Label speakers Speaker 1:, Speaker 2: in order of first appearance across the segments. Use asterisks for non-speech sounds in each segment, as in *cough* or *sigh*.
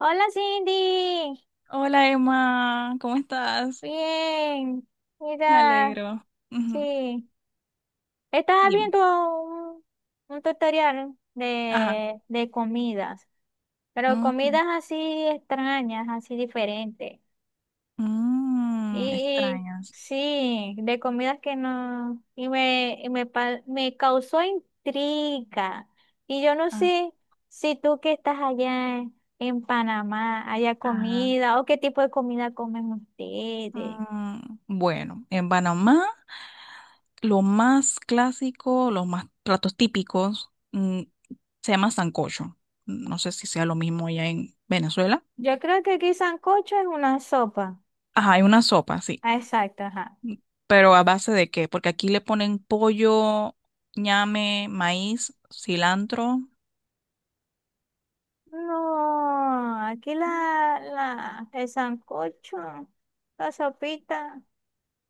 Speaker 1: Hola Cindy,
Speaker 2: Hola Emma, ¿cómo estás?
Speaker 1: bien,
Speaker 2: Me
Speaker 1: mira,
Speaker 2: alegro. Ujú,
Speaker 1: sí, estaba
Speaker 2: dime.
Speaker 1: viendo un, un tutorial
Speaker 2: Ajá.
Speaker 1: de comidas, pero
Speaker 2: Mm,
Speaker 1: comidas así extrañas, así diferentes, y
Speaker 2: extrañas.
Speaker 1: sí, de comidas que no, me causó intriga, y yo no
Speaker 2: Ah,
Speaker 1: sé si tú que estás en Panamá haya
Speaker 2: ajá.
Speaker 1: comida, o qué tipo de comida comen ustedes.
Speaker 2: Bueno, en Panamá, lo más clásico, los más platos típicos, se llama sancocho. No sé si sea lo mismo allá en Venezuela.
Speaker 1: Yo creo que aquí sancocho es una sopa.
Speaker 2: Ajá, hay una sopa, sí.
Speaker 1: Ah, exacto, ajá.
Speaker 2: Pero ¿a base de qué? Porque aquí le ponen pollo, ñame, maíz, cilantro.
Speaker 1: No, aquí el sancocho, la sopita.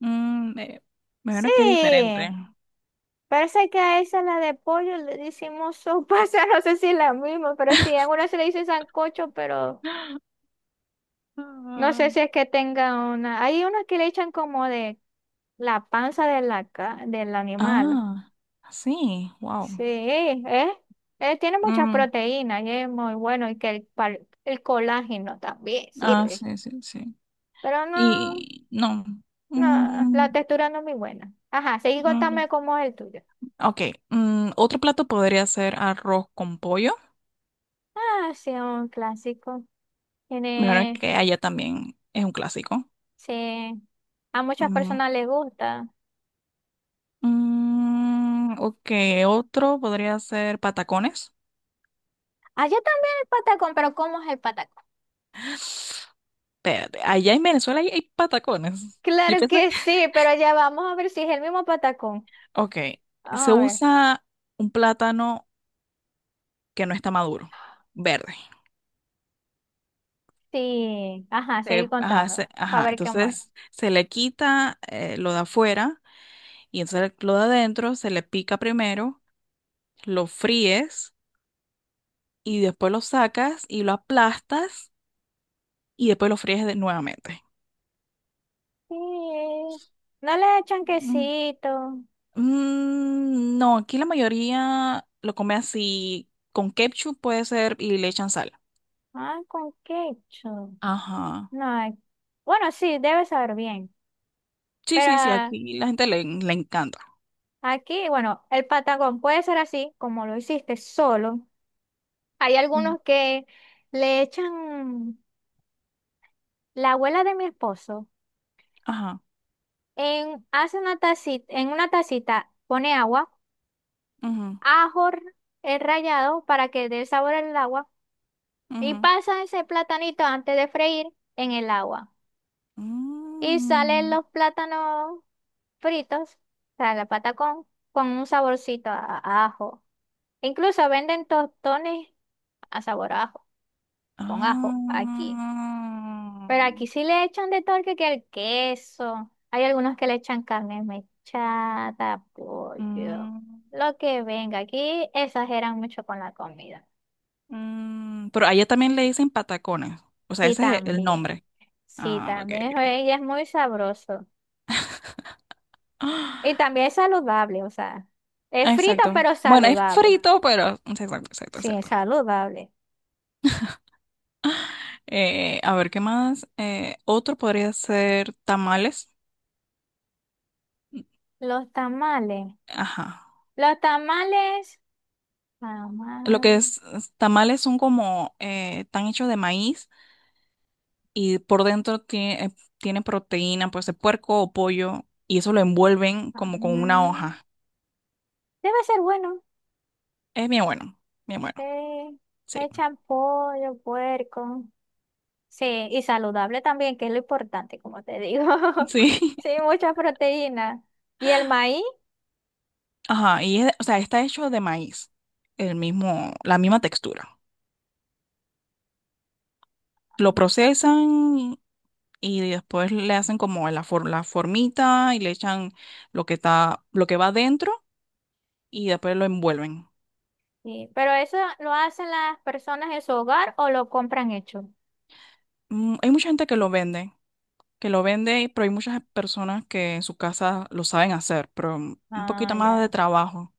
Speaker 2: Mm, eh, me imagino que es
Speaker 1: Sí,
Speaker 2: diferente.
Speaker 1: parece que a esa la de pollo le decimos sopa, *laughs* o sea, no sé si es la misma, pero sí, a una se le dice sancocho, pero no sé
Speaker 2: Ah,
Speaker 1: si es que tenga una. Hay unas que le echan como de la panza de la, ca- del animal.
Speaker 2: ah, sí, wow.
Speaker 1: Sí, es, tiene muchas
Speaker 2: Mm,
Speaker 1: proteínas y es muy bueno y que el colágeno también sirve.
Speaker 2: sí, sí, sí.
Speaker 1: Pero no,
Speaker 2: Y no.
Speaker 1: no, la
Speaker 2: Mm,
Speaker 1: textura no es muy buena. Ajá, seguí
Speaker 2: mm,
Speaker 1: contame cómo es el tuyo.
Speaker 2: ok, otro plato podría ser arroz con pollo.
Speaker 1: Ah, sí, un clásico.
Speaker 2: Me imagino
Speaker 1: Tiene,
Speaker 2: que allá también es un clásico.
Speaker 1: sí, a muchas
Speaker 2: Mm,
Speaker 1: personas les gusta.
Speaker 2: ok, otro podría ser patacones.
Speaker 1: Allá también el patacón, pero ¿cómo es el patacón?
Speaker 2: Espérate, allá en Venezuela hay patacones. Yo
Speaker 1: Claro
Speaker 2: pensé que...
Speaker 1: que sí, pero ya vamos a ver si es el mismo patacón.
Speaker 2: Ok, se
Speaker 1: Vamos a ver.
Speaker 2: usa un plátano que no está maduro, verde.
Speaker 1: Sí, ajá, seguí contando, para
Speaker 2: Ajá,
Speaker 1: ver cómo es.
Speaker 2: entonces se le quita lo de afuera y entonces lo de adentro se le pica primero, lo fríes y después lo sacas y lo aplastas y después nuevamente.
Speaker 1: Sí, no le echan
Speaker 2: Mm,
Speaker 1: quesito.
Speaker 2: no, aquí la mayoría lo come así, con ketchup puede ser y le echan sal.
Speaker 1: Ah, con ketchup.
Speaker 2: Ajá.
Speaker 1: No, hay- bueno, sí, debe saber bien.
Speaker 2: Sí,
Speaker 1: Pero
Speaker 2: sí, sí,
Speaker 1: ah,
Speaker 2: aquí la gente le encanta.
Speaker 1: aquí, bueno, el patacón puede ser así, como lo hiciste solo. Hay
Speaker 2: Mm.
Speaker 1: algunos que le echan, la abuela de mi esposo,
Speaker 2: Ajá.
Speaker 1: en, hace una tacita, en una tacita pone agua,
Speaker 2: Ujú,
Speaker 1: ajo el rallado para que dé sabor al agua y
Speaker 2: ujú.
Speaker 1: pasa ese platanito antes de freír en el agua. Y salen
Speaker 2: Mm.
Speaker 1: los plátanos fritos, o sea, la patacón, con un saborcito a ajo. Incluso venden tostones a sabor a ajo, con
Speaker 2: Ah,
Speaker 1: ajo, aquí. Pero aquí sí le echan de todo que el queso. Hay algunos que le echan carne mechada, pollo,
Speaker 2: mm,
Speaker 1: lo que venga. Aquí exageran mucho con la comida.
Speaker 2: mm. Pero allá también le dicen patacones. O sea,
Speaker 1: Sí,
Speaker 2: ese es el
Speaker 1: también.
Speaker 2: nombre.
Speaker 1: Sí,
Speaker 2: Ah, ok,
Speaker 1: también.
Speaker 2: ok.
Speaker 1: Oye, y es muy sabroso. Y
Speaker 2: *gasps*
Speaker 1: también es saludable, o sea, es
Speaker 2: Ah,
Speaker 1: frito
Speaker 2: exacto.
Speaker 1: pero
Speaker 2: Bueno, es
Speaker 1: saludable.
Speaker 2: frito, pero... mm, sí, exacto, exacto,
Speaker 1: Sí,
Speaker 2: exacto.
Speaker 1: saludable.
Speaker 2: A ver, ¿qué más? Otro podría ser tamales.
Speaker 1: Los tamales.
Speaker 2: Ajá.
Speaker 1: Los tamales.
Speaker 2: Lo que
Speaker 1: Tamales.
Speaker 2: tamales son como... están hechos de maíz y por dentro tiene proteína, pues de puerco o pollo. Y eso lo envuelven como con una
Speaker 1: Tamales.
Speaker 2: hoja.
Speaker 1: Debe ser bueno.
Speaker 2: Es bien
Speaker 1: Sí.
Speaker 2: bueno, sí,
Speaker 1: Le echan pollo, puerco. Sí, y saludable también, que es lo importante, como te digo. *laughs*
Speaker 2: sí.
Speaker 1: Sí, mucha proteína. ¿Y el maíz?
Speaker 2: *laughs* Ajá, o sea, está hecho de maíz, la misma textura. Lo procesan y después le hacen como la formita y le echan lo que va dentro y después lo envuelven.
Speaker 1: Sí, pero eso lo hacen las personas en su hogar o lo compran hecho.
Speaker 2: Mm, hay mucha gente que lo vende, pero hay muchas personas que en su casa lo saben hacer, pero un
Speaker 1: Ah,
Speaker 2: poquito más de
Speaker 1: ya.
Speaker 2: trabajo.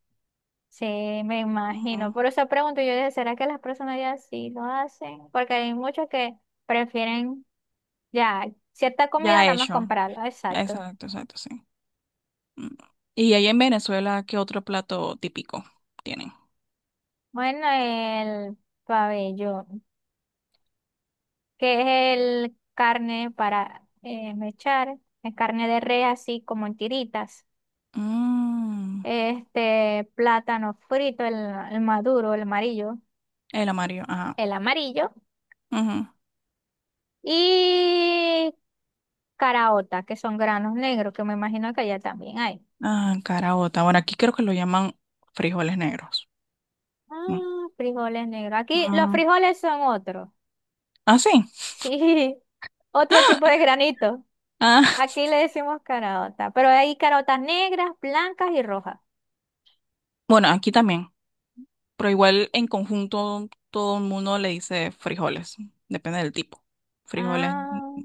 Speaker 1: Sí, me
Speaker 2: Ujú.
Speaker 1: imagino. Por eso pregunto yo, dije, ¿será que las personas ya sí lo hacen? Porque hay muchos que prefieren ya cierta comida
Speaker 2: Ya
Speaker 1: nada más
Speaker 2: hecho.
Speaker 1: comprarla. Exacto.
Speaker 2: Exacto, exacto, sí. Mm. Y ahí en Venezuela, ¿qué otro plato típico tienen?
Speaker 1: Bueno, el pabellón, que es el carne para mechar, es carne de res así como en tiritas.
Speaker 2: Mm,
Speaker 1: Este plátano frito, el maduro,
Speaker 2: el amarillo, ajá.
Speaker 1: el amarillo
Speaker 2: Ujú.
Speaker 1: y caraota, que son granos negros, que me imagino que allá también hay.
Speaker 2: Ah, caraota. Bueno, aquí creo que lo llaman frijoles negros. Mm.
Speaker 1: Ah, frijoles negros. Aquí los
Speaker 2: Mm,
Speaker 1: frijoles son otro.
Speaker 2: ah, sí.
Speaker 1: Sí, *laughs* otro tipo de granito.
Speaker 2: Ah, *laughs*
Speaker 1: Aquí le decimos carota, pero hay carotas negras, blancas y rojas.
Speaker 2: bueno, aquí también. Pero igual en conjunto todo el mundo le dice frijoles. Depende del tipo. Frijoles
Speaker 1: Ah,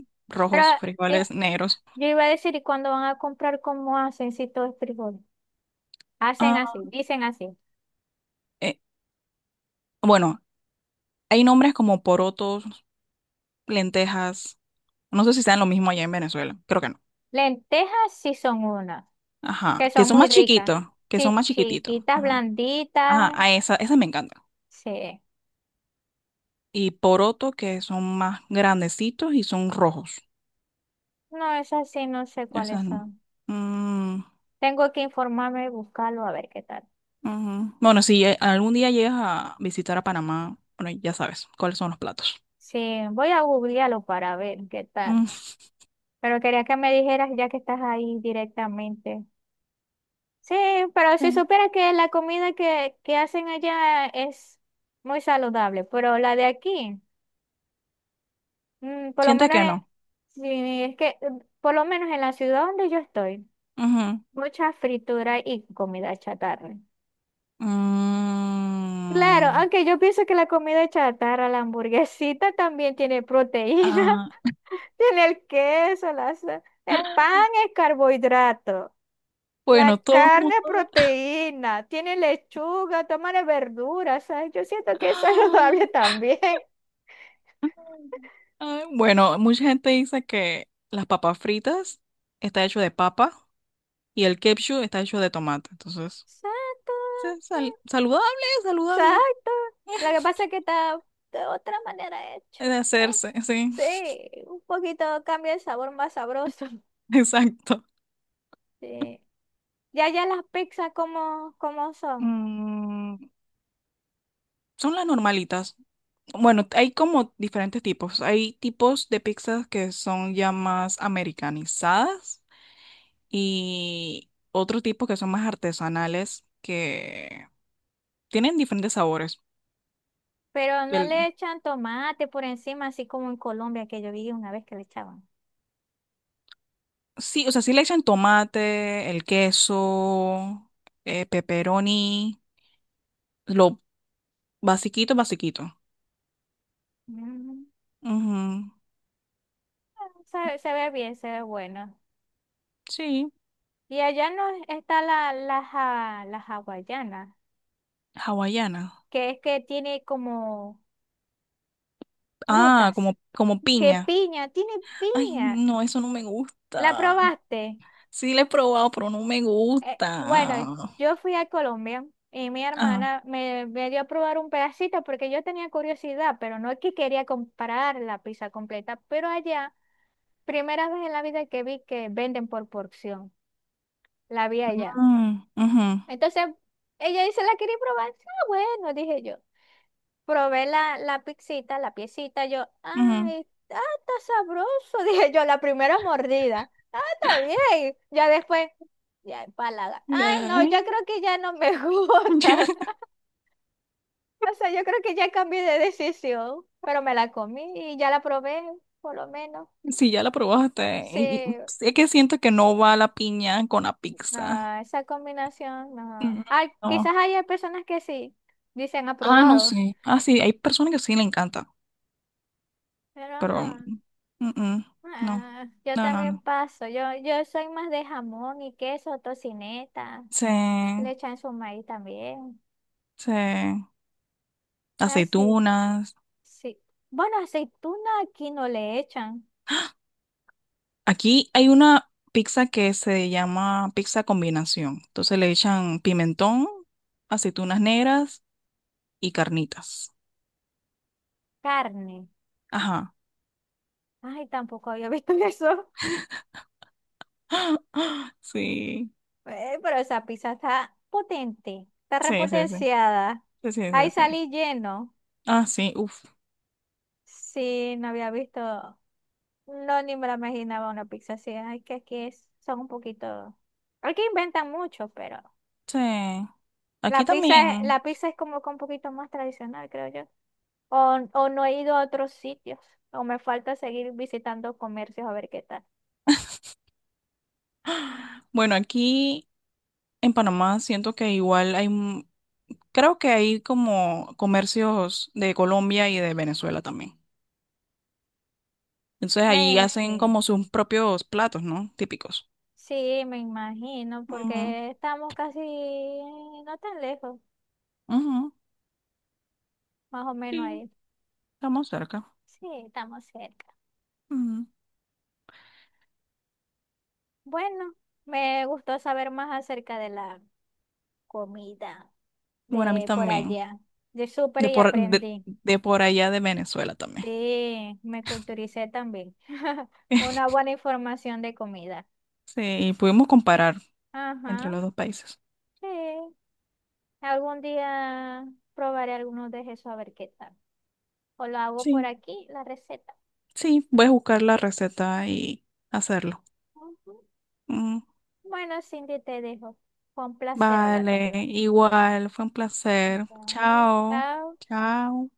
Speaker 1: pero
Speaker 2: rojos,
Speaker 1: eh,
Speaker 2: frijoles negros.
Speaker 1: yo iba a decir, ¿y cuando van a comprar cómo hacen si todo es frijoles? Hacen
Speaker 2: Ah,
Speaker 1: así, dicen así.
Speaker 2: eh, bueno, hay nombres como porotos, lentejas. No sé si sean lo mismo allá en Venezuela. Creo que no.
Speaker 1: Lentejas sí son unas
Speaker 2: Ajá,
Speaker 1: que
Speaker 2: que
Speaker 1: son
Speaker 2: son
Speaker 1: muy
Speaker 2: más
Speaker 1: ricas.
Speaker 2: chiquitos, que son
Speaker 1: Sí,
Speaker 2: más chiquititos.
Speaker 1: chiquitas,
Speaker 2: Ajá,
Speaker 1: blanditas.
Speaker 2: ajá, a esa, esa me encanta.
Speaker 1: Sí.
Speaker 2: Y poroto, que son más grandecitos y son rojos.
Speaker 1: No, esas sí no sé cuáles
Speaker 2: Esas no.
Speaker 1: son.
Speaker 2: Mm,
Speaker 1: Tengo que informarme y buscarlo a ver qué tal.
Speaker 2: ujú. Bueno, si algún día llegas a visitar a Panamá, bueno, ya sabes cuáles son los platos.
Speaker 1: Sí, voy a googlearlo para ver qué tal.
Speaker 2: Mm, *laughs*
Speaker 1: Pero quería que me dijeras ya que estás ahí directamente. Sí, pero si
Speaker 2: sí.
Speaker 1: supieras que que hacen allá es muy saludable, pero la de aquí, por lo
Speaker 2: Sientes
Speaker 1: menos
Speaker 2: que
Speaker 1: es,
Speaker 2: no.
Speaker 1: sí, es que por lo menos en la ciudad donde yo estoy,
Speaker 2: Ujú.
Speaker 1: mucha fritura y comida chatarra. Claro,
Speaker 2: Mm,
Speaker 1: aunque yo pienso que la comida chatarra, la hamburguesita también tiene proteína,
Speaker 2: ah,
Speaker 1: *laughs* tiene el queso, el
Speaker 2: *gasps*
Speaker 1: pan es carbohidrato, la
Speaker 2: bueno, todo el
Speaker 1: carne
Speaker 2: mundo.
Speaker 1: es proteína, tiene lechuga, tomate, verduras, ¿sabes? Yo siento que es *laughs* saludable
Speaker 2: *gasps*
Speaker 1: también.
Speaker 2: Ay, bueno, mucha gente dice que las papas fritas está hecho de papa y el ketchup está hecho de tomate. Entonces,
Speaker 1: Exacto,
Speaker 2: saludable, saludable
Speaker 1: exacto. Lo que pasa es que está de otra manera hecho.
Speaker 2: de
Speaker 1: ¿No?
Speaker 2: hacerse, sí,
Speaker 1: Sí, un poquito cambia el sabor más sabroso. *laughs*
Speaker 2: *laughs* exacto.
Speaker 1: Sí. Ya, ya las pizzas como, como son,
Speaker 2: Mm, son las normalitas. Bueno, hay como diferentes tipos. Hay tipos de pizzas que son ya más americanizadas y otro tipo que son más artesanales que tienen diferentes sabores.
Speaker 1: pero no le echan tomate por encima, así como en Colombia, que yo vi una vez que le echaban.
Speaker 2: Sí, o sea, sí le echan tomate, el queso, pepperoni, lo basiquito, basiquito.
Speaker 1: Mm,
Speaker 2: Ujú,
Speaker 1: se ve bien, se ve bueno.
Speaker 2: sí,
Speaker 1: Y allá no está la hawaiana,
Speaker 2: hawaiana.
Speaker 1: que es que tiene como
Speaker 2: Ah,
Speaker 1: frutas,
Speaker 2: como, como
Speaker 1: que
Speaker 2: piña.
Speaker 1: piña, tiene
Speaker 2: Ay,
Speaker 1: piña.
Speaker 2: no, eso no me
Speaker 1: ¿La
Speaker 2: gusta.
Speaker 1: probaste?
Speaker 2: Sí le he probado, pero no me
Speaker 1: Bueno,
Speaker 2: gusta.
Speaker 1: yo fui a Colombia y mi
Speaker 2: Ah,
Speaker 1: hermana me dio a probar un pedacito porque yo tenía curiosidad, pero no es que quería comprar la pizza completa, pero allá, primera vez en la vida que vi que venden por porción, la vi allá.
Speaker 2: mm, ujú,
Speaker 1: Entonces, ella dice, ¿la quería probar? Sí, ah, bueno, dije yo. Probé la pizzita, la piecita, yo,
Speaker 2: ujú.
Speaker 1: ay, ah, está sabroso, *laughs* dije yo, la primera mordida. Ah, está bien. Ya después, ya empalaga. Ay, no,
Speaker 2: Ay.
Speaker 1: yo creo que ya no me *laughs* gusta.
Speaker 2: *laughs*
Speaker 1: O sea, yo creo que ya cambié de decisión, pero me la comí y ya la probé, por lo menos.
Speaker 2: Sí, ya la probaste.
Speaker 1: Sí,
Speaker 2: Es que siento que no va la piña con la pizza.
Speaker 1: no, esa combinación,
Speaker 2: Mm,
Speaker 1: no. Ah, quizás
Speaker 2: no.
Speaker 1: haya personas que sí, dicen
Speaker 2: Ah, no
Speaker 1: aprobado,
Speaker 2: sé. Ah, sí, hay personas que sí le encanta,
Speaker 1: pero
Speaker 2: pero
Speaker 1: no.
Speaker 2: mm, no,
Speaker 1: Ah, yo
Speaker 2: no, no,
Speaker 1: también
Speaker 2: no.
Speaker 1: paso. Yo soy más de jamón y queso, tocineta.
Speaker 2: Se,
Speaker 1: Le echan su maíz también.
Speaker 2: se,
Speaker 1: Así, sí.
Speaker 2: aceitunas.
Speaker 1: Sí. Bueno, aceituna aquí no le echan.
Speaker 2: Aquí hay una pizza que se llama pizza combinación. Entonces le echan pimentón, aceitunas negras y carnitas.
Speaker 1: Carne.
Speaker 2: Ajá,
Speaker 1: Ay, tampoco había visto *laughs* eso.
Speaker 2: sí,
Speaker 1: Pero esa pizza está potente. Está
Speaker 2: sí, sí, sí,
Speaker 1: repotenciada.
Speaker 2: sí, sí, sí,
Speaker 1: Ahí
Speaker 2: sí.
Speaker 1: salí lleno.
Speaker 2: Ah, sí, uff,
Speaker 1: Sí, no había visto. No, ni me la imaginaba una pizza así. Ay, que aquí es, son un poquito. Aquí inventan mucho, pero.
Speaker 2: sí. Aquí también.
Speaker 1: La pizza es como que un poquito más tradicional, creo yo. O no he ido a otros sitios. O me falta seguir visitando comercios a ver qué tal.
Speaker 2: Bueno, aquí en Panamá siento que igual hay. Creo que hay como comercios de Colombia y de Venezuela también. Entonces ahí hacen
Speaker 1: Messi
Speaker 2: como sus propios platos, ¿no? Típicos.
Speaker 1: sí, me imagino,
Speaker 2: Ujú,
Speaker 1: porque estamos casi no tan lejos,
Speaker 2: ujú,
Speaker 1: más o menos
Speaker 2: sí,
Speaker 1: ahí.
Speaker 2: estamos cerca.
Speaker 1: Sí, estamos cerca.
Speaker 2: Ujú.
Speaker 1: Bueno, me gustó saber más acerca de la comida
Speaker 2: Bueno, a mí
Speaker 1: de por
Speaker 2: también.
Speaker 1: allá. De súper y aprendí.
Speaker 2: De por allá de Venezuela también.
Speaker 1: Sí, me culturicé también. *laughs* Una
Speaker 2: *laughs*
Speaker 1: buena información de comida.
Speaker 2: Sí, y pudimos comparar entre
Speaker 1: Ajá,
Speaker 2: los dos países.
Speaker 1: sí. Algún día probaré algunos de esos a ver qué tal. O lo hago por
Speaker 2: Sí,
Speaker 1: aquí, la receta.
Speaker 2: sí, voy a buscar la receta y hacerlo.
Speaker 1: Ujú.
Speaker 2: Mm,
Speaker 1: Bueno, Cindy, te dejo. Fue un placer hablar
Speaker 2: vale,
Speaker 1: contigo.
Speaker 2: igual, fue un placer.
Speaker 1: Ok,
Speaker 2: Chao,
Speaker 1: chao.
Speaker 2: chao.